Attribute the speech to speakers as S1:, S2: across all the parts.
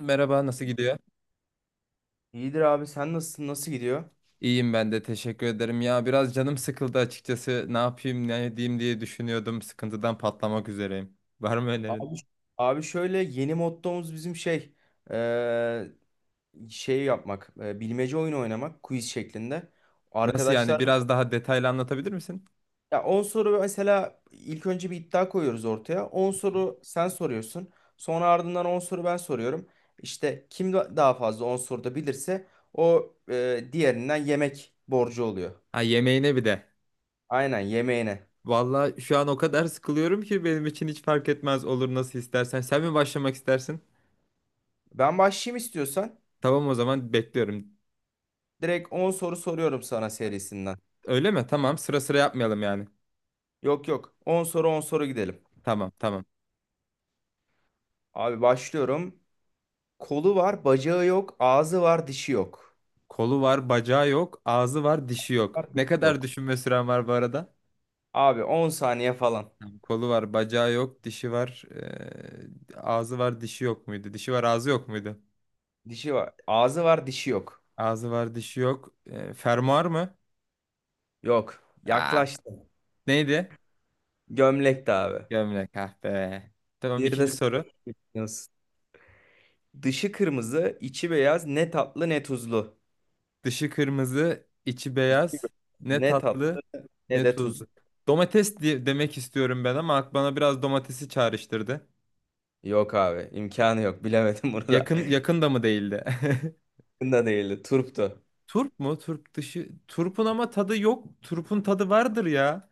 S1: Merhaba, nasıl gidiyor?
S2: İyidir abi, sen nasılsın? Nasıl gidiyor?
S1: İyiyim ben de, teşekkür ederim. Ya biraz canım sıkıldı açıkçası. Ne yapayım, ne edeyim diye düşünüyordum. Sıkıntıdan patlamak üzereyim. Var mı önerin?
S2: Abi, abi şöyle yeni mottomuz bizim şey eee, şey yapmak, bilmece oyunu oynamak, quiz şeklinde.
S1: Nasıl yani?
S2: Arkadaşlar
S1: Biraz daha detaylı anlatabilir misin?
S2: ya 10 soru mesela, ilk önce bir iddia koyuyoruz ortaya. On soru sen soruyorsun. Sonra ardından 10 soru ben soruyorum. İşte kim daha fazla 10 soruda bilirse, o diğerinden yemek borcu oluyor.
S1: Ha, yemeğine bir de.
S2: Aynen, yemeğine.
S1: Vallahi şu an o kadar sıkılıyorum ki benim için hiç fark etmez, olur nasıl istersen. Sen mi başlamak istersin?
S2: Ben başlayayım istiyorsan.
S1: Tamam, o zaman bekliyorum.
S2: Direkt 10 soru soruyorum sana serisinden.
S1: Öyle mi? Tamam, sıra sıra yapmayalım yani.
S2: Yok yok. On soru 10 soru gidelim.
S1: Tamam, tamam.
S2: Abi başlıyorum. Kolu var, bacağı yok, ağzı var, dişi yok.
S1: Kolu var, bacağı yok, ağzı var, dişi yok.
S2: Var,
S1: Ne
S2: dişi
S1: kadar
S2: yok.
S1: düşünme süren var bu arada?
S2: Abi 10 saniye falan.
S1: Tamam, kolu var, bacağı yok, dişi var, ağzı var, dişi yok muydu? Dişi var, ağzı yok muydu?
S2: Dişi var. Ağzı var, dişi yok.
S1: Ağzı var, dişi yok. Fermuar mı?
S2: Yok.
S1: Aa,
S2: Yaklaştın.
S1: neydi?
S2: Gömlekti abi.
S1: Gömlek ah be. Tamam,
S2: Bir de
S1: ikinci
S2: sıfır.
S1: soru.
S2: Biliyorsun. Dışı kırmızı, içi beyaz, ne tatlı ne tuzlu.
S1: Dışı kırmızı, içi
S2: İçi
S1: beyaz. Ne
S2: ne
S1: tatlı,
S2: tatlı ne
S1: ne
S2: de tuzlu.
S1: tuzlu. Domates diye demek istiyorum ben ama bana biraz domatesi çağrıştırdı.
S2: Yok abi, imkanı yok. Bilemedim bunu da.
S1: Yakın yakın da mı değildi?
S2: Bunu da değildi. Turptu.
S1: Turp mu? Turp dışı. Turpun ama tadı yok. Turpun tadı vardır ya.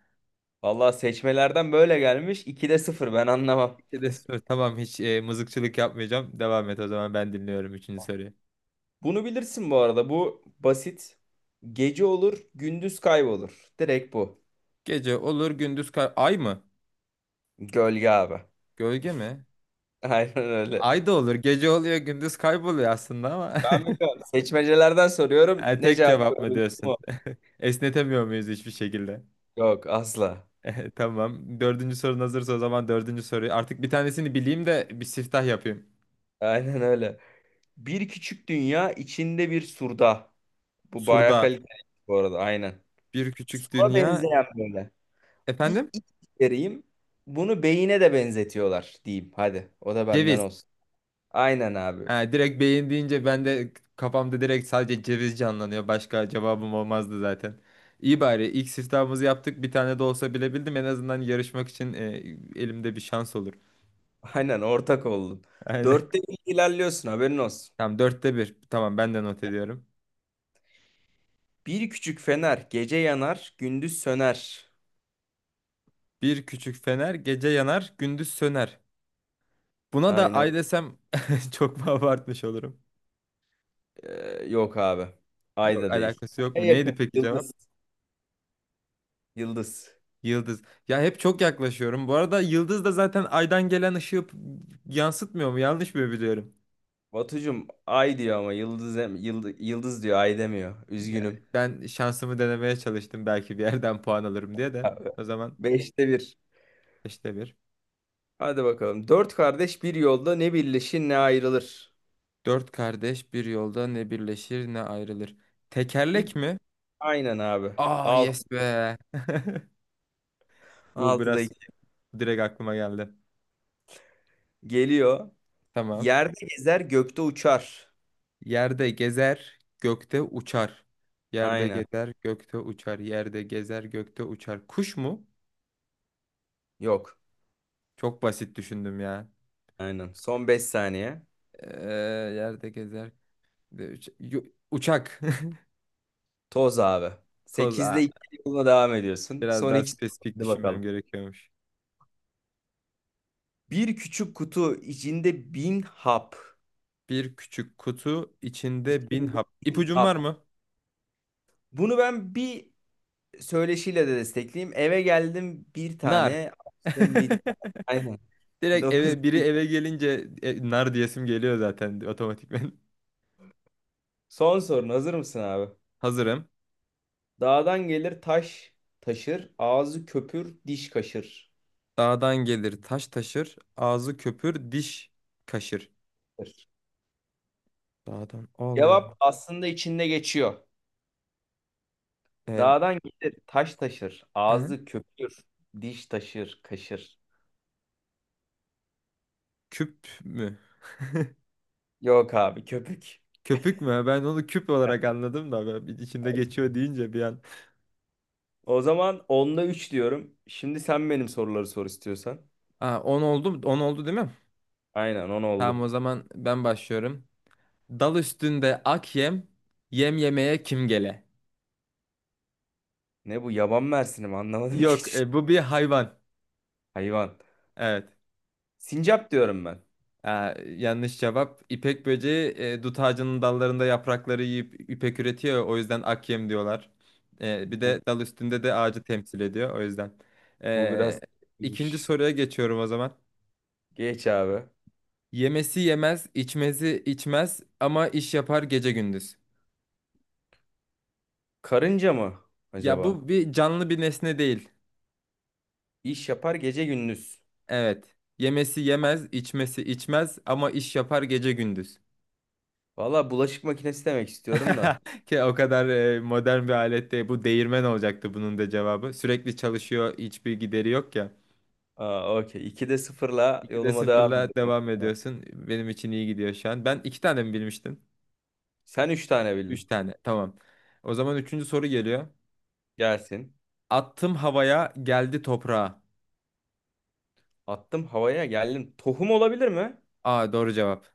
S2: Vallahi seçmelerden böyle gelmiş. 2'de sıfır. Ben anlamam.
S1: De sor. Tamam, hiç mızıkçılık yapmayacağım. Devam et, o zaman ben dinliyorum üçüncü soruyu.
S2: Bunu bilirsin bu arada. Bu basit. Gece olur, gündüz kaybolur. Direkt bu.
S1: Gece olur, gündüz ay mı?
S2: Gölge abi.
S1: Gölge mi?
S2: Aynen öyle.
S1: Ay da olur. Gece oluyor, gündüz kayboluyor aslında ama.
S2: Ben biliyorum. Seçmecelerden soruyorum.
S1: E,
S2: Ne
S1: tek
S2: cevap
S1: cevap mı
S2: veriyorsun?
S1: diyorsun?
S2: O.
S1: Esnetemiyor muyuz hiçbir şekilde?
S2: Yok asla.
S1: Tamam. Dördüncü sorun hazırsa, o zaman dördüncü soruyu. Artık bir tanesini bileyim de bir siftah yapayım.
S2: Aynen öyle. Bir küçük dünya içinde bir surda. Bu bayağı
S1: Surda
S2: kaliteli bu arada. Aynen.
S1: bir küçük
S2: Sura
S1: dünya.
S2: benzeyen böyle. Bir
S1: Efendim?
S2: iç vereyim. Bunu beyine de benzetiyorlar diyeyim. Hadi. O da benden
S1: Ceviz.
S2: olsun. Aynen abi.
S1: Ha, direkt beyin deyince ben de kafamda direkt sadece ceviz canlanıyor. Başka cevabım olmazdı zaten. İyi, bari ilk siftahımızı yaptık. Bir tane de olsa bilebildim. En azından yarışmak için elimde bir şans olur.
S2: Aynen ortak oldun.
S1: Aynen.
S2: Dörtte bir ilerliyorsun, haberin olsun.
S1: Tamam, dörtte bir. Tamam, ben de not ediyorum.
S2: Bir küçük fener gece yanar, gündüz söner.
S1: Bir küçük fener, gece yanar, gündüz söner. Buna da
S2: Aynen.
S1: ay desem çok mu abartmış olurum?
S2: Yok abi. Ay
S1: Yok,
S2: da değil.
S1: alakası yok
S2: Ay
S1: mu?
S2: yakın.
S1: Neydi peki cevap?
S2: Yıldız. Yıldız.
S1: Yıldız. Ya hep çok yaklaşıyorum. Bu arada yıldız da zaten aydan gelen ışığı yansıtmıyor mu? Yanlış mı biliyorum?
S2: Batucum ay diyor ama yıldız, yıldız diyor, ay demiyor.
S1: Ya,
S2: Üzgünüm.
S1: ben şansımı denemeye çalıştım belki bir yerden puan alırım diye de.
S2: Abi,
S1: O zaman
S2: beşte bir.
S1: işte bir.
S2: Hadi bakalım. Dört kardeş bir yolda, ne birleşir ne ayrılır.
S1: Dört kardeş bir yolda, ne birleşir ne ayrılır.
S2: İp,
S1: Tekerlek mi?
S2: aynen abi.
S1: Aa,
S2: Alt,
S1: yes be. Bu
S2: Altıda
S1: biraz
S2: iki.
S1: direkt aklıma geldi.
S2: Geliyor.
S1: Tamam.
S2: Yerde gezer, gökte uçar.
S1: Yerde gezer, gökte uçar. Yerde
S2: Aynen.
S1: gezer, gökte uçar. Yerde gezer, gökte uçar. Kuş mu?
S2: Yok.
S1: Çok basit düşündüm ya.
S2: Aynen. Son 5 saniye.
S1: Ee, Yerde gezer. de uç- Yo- Uçak.
S2: Toz abi.
S1: Toz.
S2: Sekizde 2, yoluna devam ediyorsun.
S1: Biraz
S2: Son
S1: daha
S2: 2.
S1: spesifik
S2: Hadi
S1: düşünmem
S2: bakalım.
S1: gerekiyormuş.
S2: Bir küçük kutu içinde 1000 hap.
S1: Bir küçük kutu içinde bin
S2: İçinde
S1: hap.
S2: bin
S1: İpucun var
S2: hap.
S1: mı?
S2: Bunu ben bir söyleşiyle de destekleyeyim. Eve geldim, bir
S1: Nar.
S2: tane açtım, 1000 tane. Aynen.
S1: Direkt
S2: Dokuz.
S1: biri eve gelince nar diyesim geliyor zaten otomatikmen.
S2: Son sorun hazır mısın abi?
S1: Hazırım.
S2: Dağdan gelir taş taşır. Ağzı köpür diş kaşır.
S1: Dağdan gelir taş taşır, ağzı köpür diş kaşır. Dağdan Allah.
S2: Cevap aslında içinde geçiyor.
S1: Ee,
S2: Dağdan gelir taş taşır.
S1: aha.
S2: Ağzı köpür. Diş taşır kaşır.
S1: Küp mü?
S2: Yok abi, köpük.
S1: Köpük mü? Ben onu küp olarak anladım da ben bir içinde geçiyor deyince bir an.
S2: O zaman onda 3 diyorum. Şimdi sen benim soruları sor istiyorsan.
S1: Aa, 10 oldu, 10 oldu değil mi?
S2: Aynen, 10
S1: Tamam,
S2: oldu.
S1: o zaman ben başlıyorum. Dal üstünde ak yem, yem yemeye kim gele?
S2: Ne bu, yaban mersini mi? Anlamadım ki.
S1: Yok,
S2: Hiç.
S1: bu bir hayvan.
S2: Hayvan.
S1: Evet.
S2: Sincap diyorum ben.
S1: Ee, yanlış cevap. İpek böceği dut ağacının dallarında yaprakları yiyip ipek üretiyor ya, o yüzden ak yem diyorlar. Bir
S2: Bu,
S1: de dal üstünde de ağacı temsil ediyor. O yüzden.
S2: bu
S1: Ee,
S2: biraz...
S1: ikinci soruya geçiyorum o zaman.
S2: Geç abi.
S1: Yemesi yemez, içmesi içmez ama iş yapar gece gündüz.
S2: Karınca mı
S1: Ya,
S2: acaba?
S1: bu bir canlı bir nesne değil.
S2: İş yapar gece gündüz.
S1: Evet. Yemesi yemez, içmesi içmez ama iş yapar gece gündüz.
S2: Valla bulaşık makinesi demek istiyorum da.
S1: Ki o kadar modern bir alette bu değirmen olacaktı bunun da cevabı. Sürekli çalışıyor, hiçbir gideri yok ya.
S2: Aa, okey. 2'de sıfırla
S1: 2'de
S2: yoluma devam
S1: sıfırla
S2: ediyorum.
S1: devam ediyorsun. Benim için iyi gidiyor şu an. Ben iki tane mi bilmiştim?
S2: Sen 3 tane
S1: Üç
S2: bildin.
S1: tane. Tamam. O zaman üçüncü soru geliyor.
S2: Gelsin.
S1: Attım havaya, geldi toprağa.
S2: Attım havaya, geldim. Tohum olabilir mi?
S1: Aa, doğru cevap.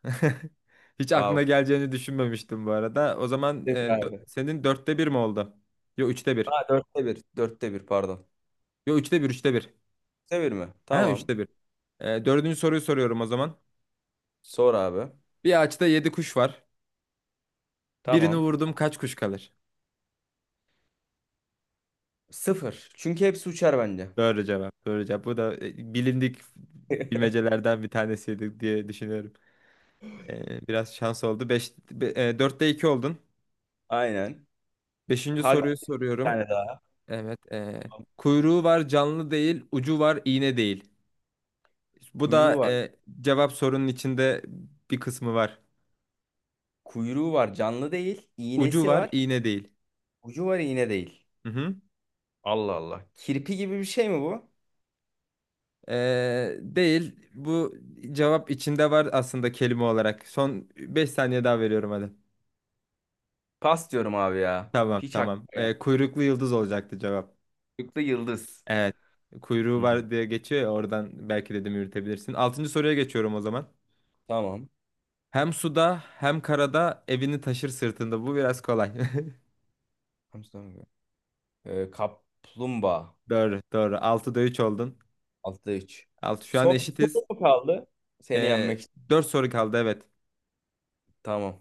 S1: Hiç aklına
S2: Wow.
S1: geleceğini düşünmemiştim bu arada. O zaman
S2: Devir abi.
S1: senin dörtte bir mi oldu? Yok, üçte bir.
S2: Ha, dörtte bir. Dörtte bir pardon.
S1: Yo, üçte bir, üçte bir.
S2: Dörtte mi?
S1: Ha,
S2: Tamam.
S1: üçte bir. Dördüncü soruyu soruyorum o zaman.
S2: Sor abi.
S1: Bir ağaçta 7 kuş var. Birini
S2: Tamam.
S1: vurdum, kaç kuş kalır?
S2: Sıfır. Çünkü hepsi uçar bence.
S1: Doğru cevap. Doğru cevap. Bu da bilindik bilmecelerden bir tanesiydi diye düşünüyorum. Biraz şans oldu. 5 dörtte 2 oldun.
S2: Aynen.
S1: Beşinci
S2: Haga
S1: soruyu
S2: bir
S1: soruyorum.
S2: tane daha.
S1: Evet. Kuyruğu var, canlı değil, ucu var, iğne değil. Bu
S2: Kuyruğu
S1: da
S2: var.
S1: cevap sorunun içinde bir kısmı var.
S2: Kuyruğu var. Canlı değil.
S1: Ucu
S2: İğnesi
S1: var,
S2: var.
S1: iğne değil.
S2: Ucu var, iğne değil.
S1: Hı.
S2: Allah Allah. Kirpi gibi bir şey mi bu?
S1: Değil. Bu cevap içinde var aslında, kelime olarak. Son 5 saniye daha veriyorum hadi.
S2: Pas diyorum abi ya.
S1: Tamam,
S2: Hiç aklıma
S1: tamam. Ee,
S2: gelmedi.
S1: kuyruklu yıldız olacaktı cevap.
S2: Çocukta yıldız.
S1: Evet. Kuyruğu
S2: Hı.
S1: var diye geçiyor ya, oradan belki dedim yürütebilirsin. Altıncı soruya geçiyorum o zaman.
S2: Tamam.
S1: Hem suda hem karada evini taşır sırtında. Bu biraz kolay.
S2: Hamsi dönüyor. Kaplumbağa.
S1: Doğru, doğru. 6'da 3 oldun.
S2: 6'da 3.
S1: 6, şu an
S2: Son bir
S1: eşitiz.
S2: soru mu kaldı? Seni
S1: Ee,
S2: yenmek için.
S1: 4 soru kaldı evet.
S2: Tamam.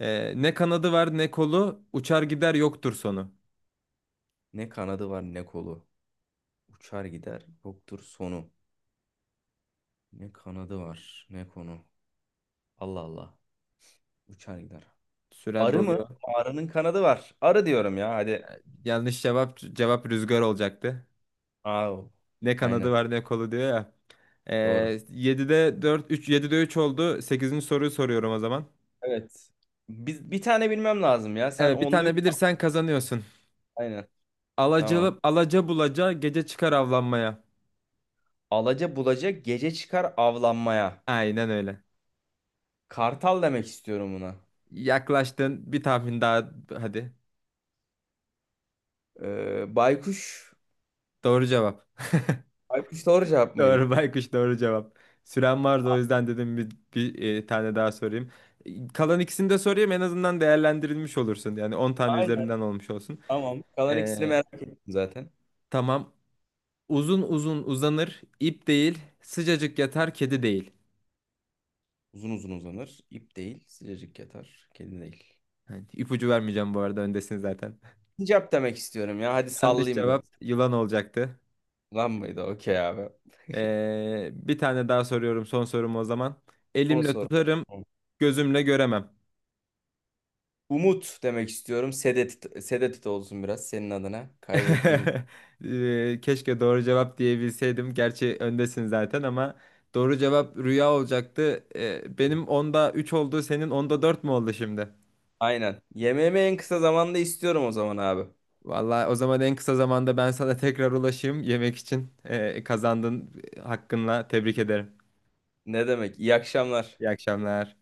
S1: Ne kanadı var ne kolu, uçar gider, yoktur sonu.
S2: Ne kanadı var ne kolu. Uçar gider yoktur sonu. Ne kanadı var ne konu. Allah Allah. Uçar gider.
S1: Süren
S2: Arı mı?
S1: doluyor.
S2: Arının kanadı var. Arı diyorum ya hadi.
S1: Yanlış cevap, rüzgar olacaktı.
S2: Aa,
S1: Ne kanadı
S2: aynen
S1: var ne kolu diyor ya. Ee,
S2: doğru.
S1: 7'de 4 3 7'de 3 oldu. Sekizinci soruyu soruyorum o zaman.
S2: Evet. Biz bir tane bilmem lazım ya. Sen
S1: Evet, bir
S2: onda üç.
S1: tane bilirsen kazanıyorsun.
S2: Aynen. Tamam.
S1: Alacalı alaca bulaca gece çıkar avlanmaya.
S2: Alaca bulacak gece çıkar avlanmaya.
S1: Aynen öyle.
S2: Kartal demek istiyorum buna.
S1: Yaklaştın, bir tahmin daha hadi.
S2: Baykuş.
S1: Doğru cevap.
S2: Baykuş doğru cevap mıydı?
S1: Doğru, baykuş doğru cevap. Süren vardı, o yüzden dedim bir tane daha sorayım. E, kalan ikisini de sorayım, en azından değerlendirilmiş olursun. Yani 10 tane
S2: Aynen.
S1: üzerinden olmuş olsun.
S2: Tamam. Kalan ikisini
S1: Ee,
S2: merak ettim zaten.
S1: Tamam. Uzun uzun uzanır, ip değil, sıcacık yatar, kedi değil.
S2: Uzun uzun uzanır. İp değil. Sıcacık yatar. Kedi değil.
S1: Hani ipucu vermeyeceğim bu arada, öndesiniz zaten.
S2: Sincap demek istiyorum ya. Hadi
S1: Yanlış
S2: sallayayım
S1: cevap,
S2: biraz.
S1: yılan olacaktı.
S2: Lan mıydı? Okey abi.
S1: Bir tane daha soruyorum, son sorum o zaman.
S2: 10
S1: Elimle
S2: soru.
S1: tutarım, gözümle göremem.
S2: Umut demek istiyorum. Sedet, Sedet olsun biraz senin adına. Kaybettiğin.
S1: Keşke doğru cevap diyebilseydim. Gerçi öndesin zaten ama doğru cevap rüya olacaktı. Benim onda 3 oldu, senin onda 4 mü oldu şimdi?
S2: Aynen. Yemeğimi en kısa zamanda istiyorum o zaman abi.
S1: Vallahi o zaman en kısa zamanda ben sana tekrar ulaşayım yemek için. Kazandın hakkınla, tebrik ederim.
S2: Ne demek? İyi akşamlar.
S1: İyi akşamlar.